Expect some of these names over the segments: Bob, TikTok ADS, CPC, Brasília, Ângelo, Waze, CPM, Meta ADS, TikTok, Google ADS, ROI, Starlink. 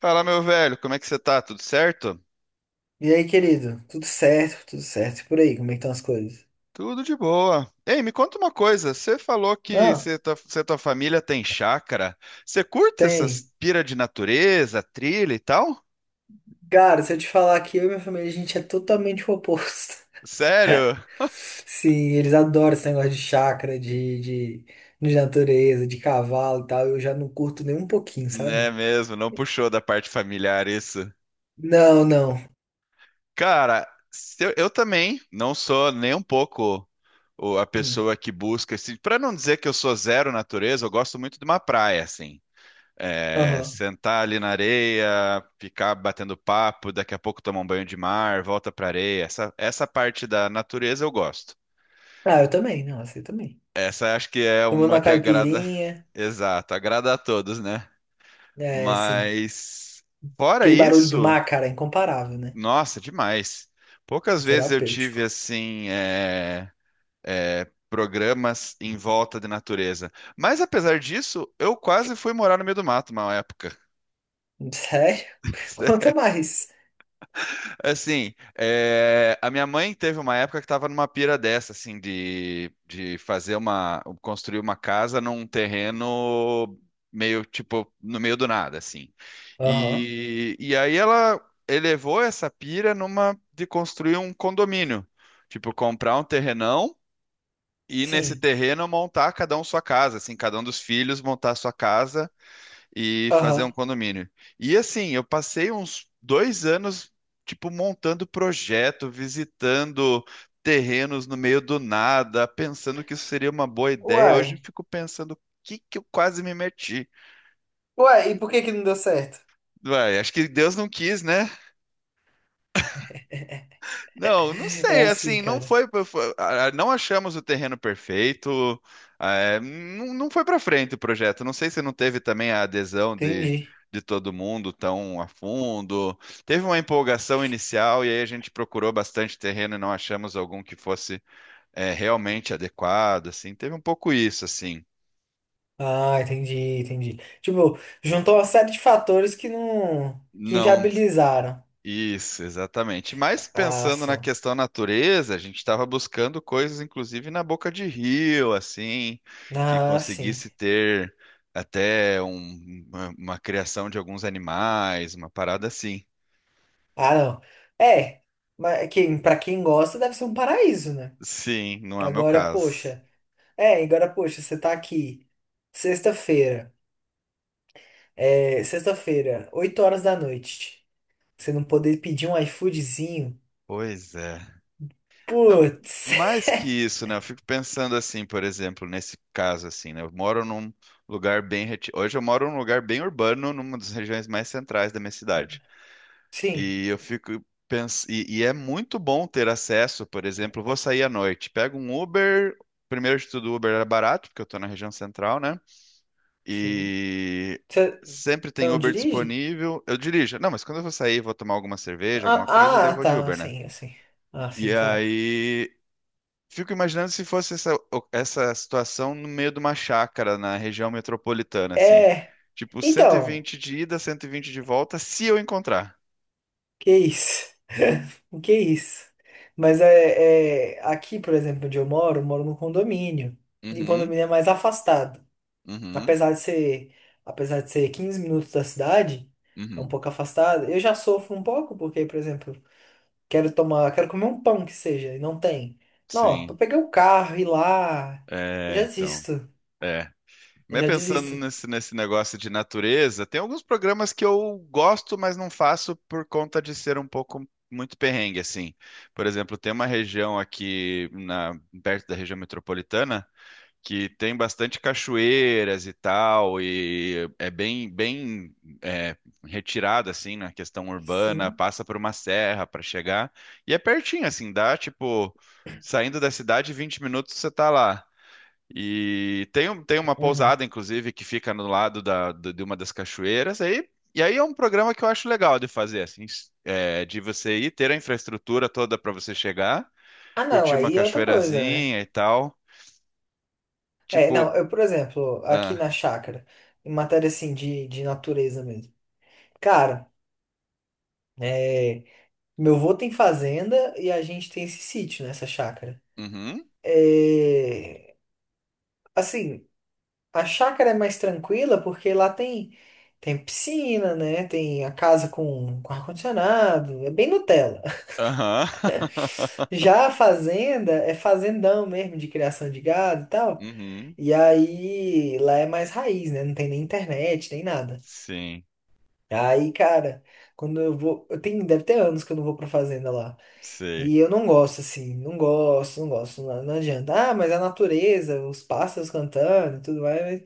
Fala, meu velho, como é que você tá? Tudo certo? E aí, querido? Tudo certo, tudo certo. E por aí, como é que estão as coisas? Tudo de boa. Ei, me conta uma coisa. Você falou que Não, você e tua família tem chácara. Você curte tem. essas pira de natureza, trilha e tal? Cara, se eu te falar que eu e minha família, a gente é totalmente o oposto. Sério? Sim, eles adoram esse negócio de chácara, de natureza, de cavalo e tal. Eu já não curto nem um pouquinho, Né sabe? mesmo, não puxou da parte familiar isso. Não, não. Cara, se eu também não sou nem um pouco a Sim. pessoa que busca esse. Para não dizer que eu sou zero natureza, eu gosto muito de uma praia, assim. É, Aham. sentar ali na areia, ficar batendo papo, daqui a pouco tomar um banho de mar, volta pra areia. Essa parte da natureza eu gosto. Ah, eu também, não, eu também. Essa acho que é Tomando uma uma que agrada, caipirinha, exato, agrada a todos, né? é assim. Mas fora Aquele barulho do isso, mar, cara, é incomparável, né? nossa, demais. É Poucas vezes eu terapêutico. tive assim programas em volta de natureza. Mas apesar disso, eu quase fui morar no meio do mato uma época. Sério? Conta mais. Assim, é, a minha mãe teve uma época que estava numa pira dessa, assim, de fazer uma, construir uma casa num terreno meio, tipo, no meio do nada, assim. Aham. E aí ela elevou essa pira numa de construir um condomínio, tipo, comprar um terrenão e nesse Sim. terreno montar cada um sua casa, assim, cada um dos filhos montar sua casa e fazer um Aham. condomínio. E assim, eu passei uns 2 anos, tipo, montando projeto, visitando terrenos no meio do nada, pensando que isso seria uma boa ideia. Hoje eu Uai. fico pensando, o que que eu quase me meti? Uai, e por que que não deu certo? Vai, acho que Deus não quis, né? Não, não É sei, assim, assim, cara. Ah, não achamos o terreno perfeito, ah, é, não, não foi para frente o projeto. Não sei se não teve também a adesão Entendi. de todo mundo tão a fundo. Teve uma empolgação inicial e aí a gente procurou bastante terreno e não achamos algum que fosse, é, realmente adequado, assim. Teve um pouco isso, assim. Ah, entendi, entendi. Tipo, juntou uma série de fatores que não, que Não, inviabilizaram isso, exatamente. Mas a pensando na ação. questão natureza, a gente estava buscando coisas, inclusive na boca de rio, assim, que Ah, sim. conseguisse ter uma criação de alguns animais, uma parada assim. Ah, não. É, mas pra quem gosta deve ser um paraíso, né? Sim, não é o meu Agora, caso. poxa. É, agora, poxa, você tá aqui. Sexta-feira. É, sexta-feira, 8 horas da noite. Você não poder pedir um iFoodzinho. Pois é. Não, Putz. mais que isso, né? Eu fico pensando assim, por exemplo, nesse caso assim, né? Eu moro num Hoje eu moro num lugar bem urbano, numa das regiões mais centrais da minha cidade. Sim, E eu fico pensando. E é muito bom ter acesso, por exemplo, vou sair à noite, pego um Uber. Primeiro de tudo, o Uber era barato, porque eu tô na região central, né? sim. E Você sempre você tem não Uber dirige? disponível. Eu dirijo. Não, mas quando eu vou sair, vou tomar alguma cerveja, alguma coisa, daí eu vou de Tá, Uber, né? sim, assim. Ah, E sim, claro. aí. Fico imaginando se fosse essa situação no meio de uma chácara na região metropolitana, assim. É, Tipo, cento e então, vinte de ida, 120 de volta, se eu encontrar. que isso? Que isso? Mas aqui, por exemplo, onde eu moro num condomínio. E o Uhum, condomínio é mais afastado. uhum, Apesar de ser, apesar de ser 15 minutos da cidade, é um uhum. pouco afastado. Eu já sofro um pouco porque, por exemplo, quero comer um pão que seja, e não tem. Não, pra Sim, pegar o carro e ir lá, eu é, já então, desisto. é. Eu Mas já pensando desisto. nesse negócio de natureza, tem alguns programas que eu gosto, mas não faço por conta de ser um pouco muito perrengue, assim. Por exemplo, tem uma região aqui na, perto da região metropolitana que tem bastante cachoeiras e tal, e é bem é, retirada, assim, na questão urbana, Sim. passa por uma serra para chegar, e é pertinho, assim, dá, tipo, saindo da cidade, 20 minutos você tá lá. E tem, tem uma Uhum. pousada, inclusive, que fica no lado de uma das cachoeiras. Aí, e aí é um programa que eu acho legal de fazer, assim, é, de você ir ter a infraestrutura toda para você chegar, Ah, não, curtir uma aí é outra coisa, né? cachoeirazinha e tal. É, não, Tipo, eu, por exemplo, aqui ah, na chácara, em matéria assim de natureza mesmo. Cara, é, meu avô tem fazenda e a gente tem esse sítio nessa chácara. uhum, É, assim, a chácara é mais tranquila porque lá tem piscina, né? Tem a casa com ar-condicionado, é bem Nutella. aham, Já a fazenda é fazendão mesmo de criação de gado e tal. uhum, E aí, lá é mais raiz, né? Não tem nem internet, nem nada. sim, Aí, cara, quando eu vou. Deve ter anos que eu não vou pra fazenda lá. sei. E eu não gosto, assim, não gosto, não gosto, não, não adianta. Ah, mas a natureza, os pássaros cantando e tudo mais,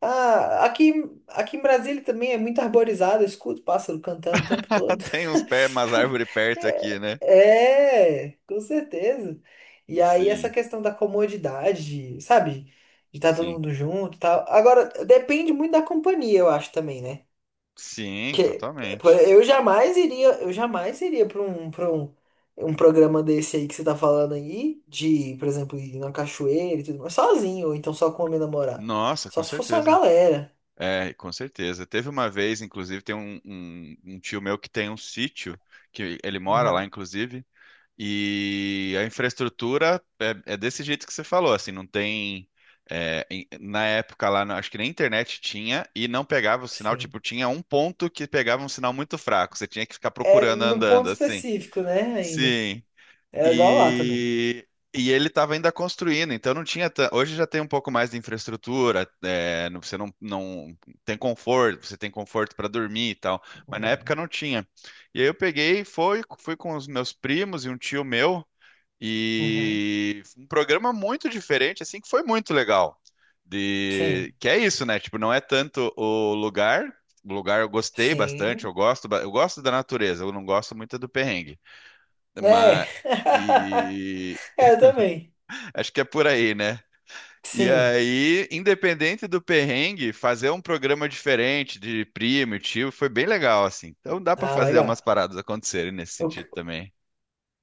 ah, aqui, aqui em Brasília também é muito arborizado, eu escuto pássaro cantando o tempo todo. Tem uns pés, umas árvores perto aqui, né? É, é, com certeza. E aí essa Sim, questão da comodidade, sabe? De estar todo sim, mundo junto e tal. Agora, depende muito da companhia, eu acho também, né? sim, Que por- totalmente. Eu jamais iria para um programa desse aí que você tá falando aí, de, por exemplo, ir na cachoeira e tudo mais, sozinho, ou então só com a minha namorada. Nossa, Só com se fosse uma certeza. galera. É, com certeza. Teve uma vez, inclusive, tem um tio meu que tem um sítio, que ele mora lá, Uhum, inclusive, e a infraestrutura é desse jeito que você falou, assim, não tem. É, na época lá, acho que nem internet tinha e não pegava o sinal, sim. tipo, tinha um ponto que pegava um sinal muito fraco, você tinha que ficar É procurando num andando, ponto assim. específico, né? Ainda. Sim. É igual lá também. E, e ele estava ainda construindo, então não tinha. Hoje já tem um pouco mais de infraestrutura, é, não- você não, não tem conforto, você tem conforto para dormir e tal, mas na época Uhum. não tinha. E aí eu peguei, e fui com os meus primos e um tio meu, Uhum. e foi um programa muito diferente, assim, que foi muito legal. De, Sim. que é isso, né? Tipo, não é tanto o lugar. O lugar eu gostei bastante, Sim. Eu gosto da natureza, eu não gosto muito do perrengue. É. Mas, e É, eu também. acho que é por aí, né? E Sim. aí, independente do perrengue, fazer um programa diferente de primo e tio foi bem legal, assim. Então dá pra Ah, fazer umas legal. paradas acontecerem nesse O sentido que- também.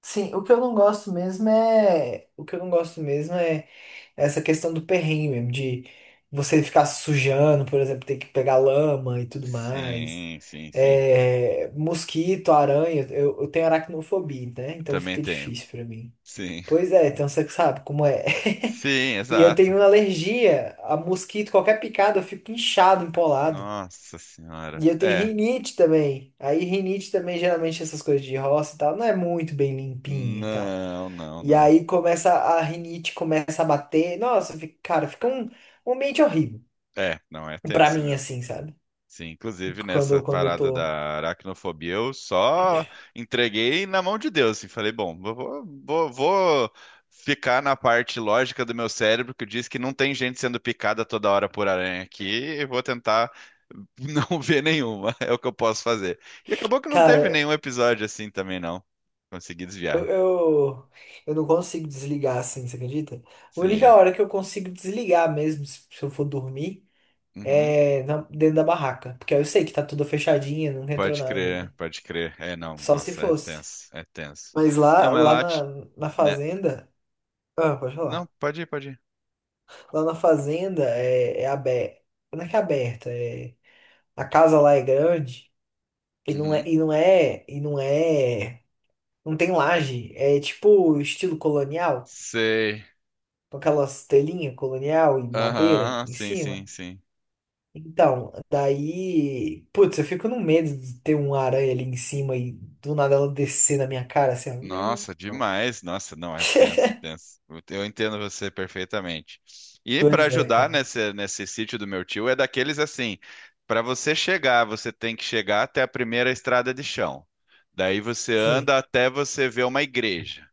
sim, o que eu não gosto mesmo é. O que eu não gosto mesmo é essa questão do perrengue mesmo, de você ficar se sujando, por exemplo, ter que pegar lama e tudo mais. Sim, sim, sim. É, mosquito, aranha. Eu tenho aracnofobia, né? Eu Então também fica tenho. difícil pra mim. Sim. Pois é, então você sabe como é. Sim, E eu exato. tenho alergia a mosquito, qualquer picada eu fico inchado, empolado. Nossa senhora. E eu tenho É. rinite também. Aí rinite também, geralmente essas coisas de roça e tal, não é muito bem limpinha e tal. Não, não, E não. aí começa a rinite, começa a bater. Nossa, cara, fica um ambiente horrível. É, não é Pra tenso mim, mesmo. assim, sabe? Sim, inclusive nessa Quando eu parada tô. da aracnofobia, eu só entreguei na mão de Deus, assim, falei, bom, vou ficar na parte lógica do meu cérebro que diz que não tem gente sendo picada toda hora por aranha aqui, e vou tentar não ver nenhuma, é o que eu posso fazer. E acabou que não teve Cara, nenhum episódio assim também, não. Consegui eu, desviar. eu, eu não consigo desligar assim, você acredita? A única Sim. hora que eu consigo desligar mesmo, se eu for dormir. Uhum. Dentro da barraca. Porque aí eu sei que tá tudo fechadinho, nunca entrou Pode nada, crer, né? pode crer. É, não, Só se nossa, é fosse. tenso, é tenso. Mas Não, lá, mas lá lá, na né? fazenda. Ah, pode Não, falar. pode ir, pode ir. Lá na fazenda é aberta. Não é que é aberta, é. A casa lá é grande Uhum. E não tem laje, é tipo estilo colonial, Sei. com aquelas telinhas colonial e madeira Aham, em sim, cima. sim, sim. Então, daí, putz, eu fico no medo de ter uma aranha ali em cima e do nada ela descer na minha cara assim. Nossa, Ó. demais. Nossa, não, é tenso, é tenso. Eu entendo você perfeitamente. E para Pois é, ajudar cara. nesse sítio do meu tio, é daqueles assim, para você chegar, você tem que chegar até a primeira estrada de chão. Daí você Sim. anda até você ver uma igreja.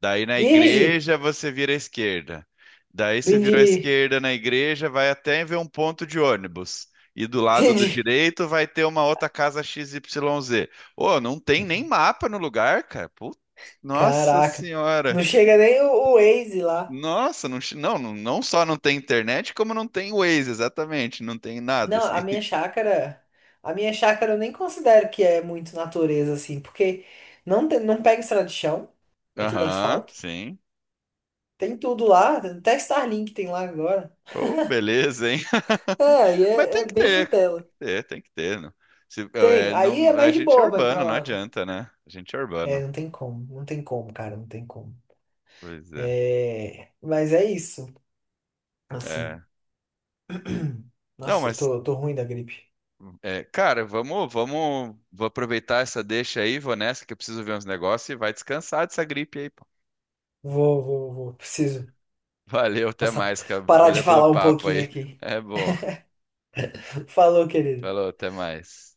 Daí na Vige! igreja você vira à esquerda. Daí você virou à Entendi! esquerda na igreja, vai até ver um ponto de ônibus. E do lado do Entendi! direito vai ter uma outra casa XYZ. Ô, não tem nem mapa no lugar, cara. Nossa Caraca! senhora. Não chega nem o Waze lá. Nossa, não, não só não tem internet, como não tem Waze, exatamente. Não tem nada, Não, assim. a minha chácara. A minha chácara eu nem considero que é muito natureza, assim, porque não, não pega estrada de chão, é tudo Aham, asfalto. sim. Tem tudo lá, até Starlink tem lá agora. Ô, beleza, hein? É, Mas é tem que bem ter, cara, tem Nutella. que ter, tem que ter. Não. Se, Tem. é, Aí é não, a mais de gente é boa pra ir pra urbano, não lá, né? adianta, né? A gente é É, urbano. não tem como. Não tem como, cara. Não tem como. Pois é. É. Mas é isso. É. Assim. Não, Nossa, mas, eu tô ruim da gripe. é, cara, vamos, vou aproveitar essa deixa aí, vou nessa que eu preciso ver uns negócios e vai descansar dessa gripe aí, pô. Vou, vou, vou. Preciso Valeu, até passar... mais, cara. parar de Valeu pelo falar um papo pouquinho aí. aqui. É bom. Falou, querido. Falou, até mais.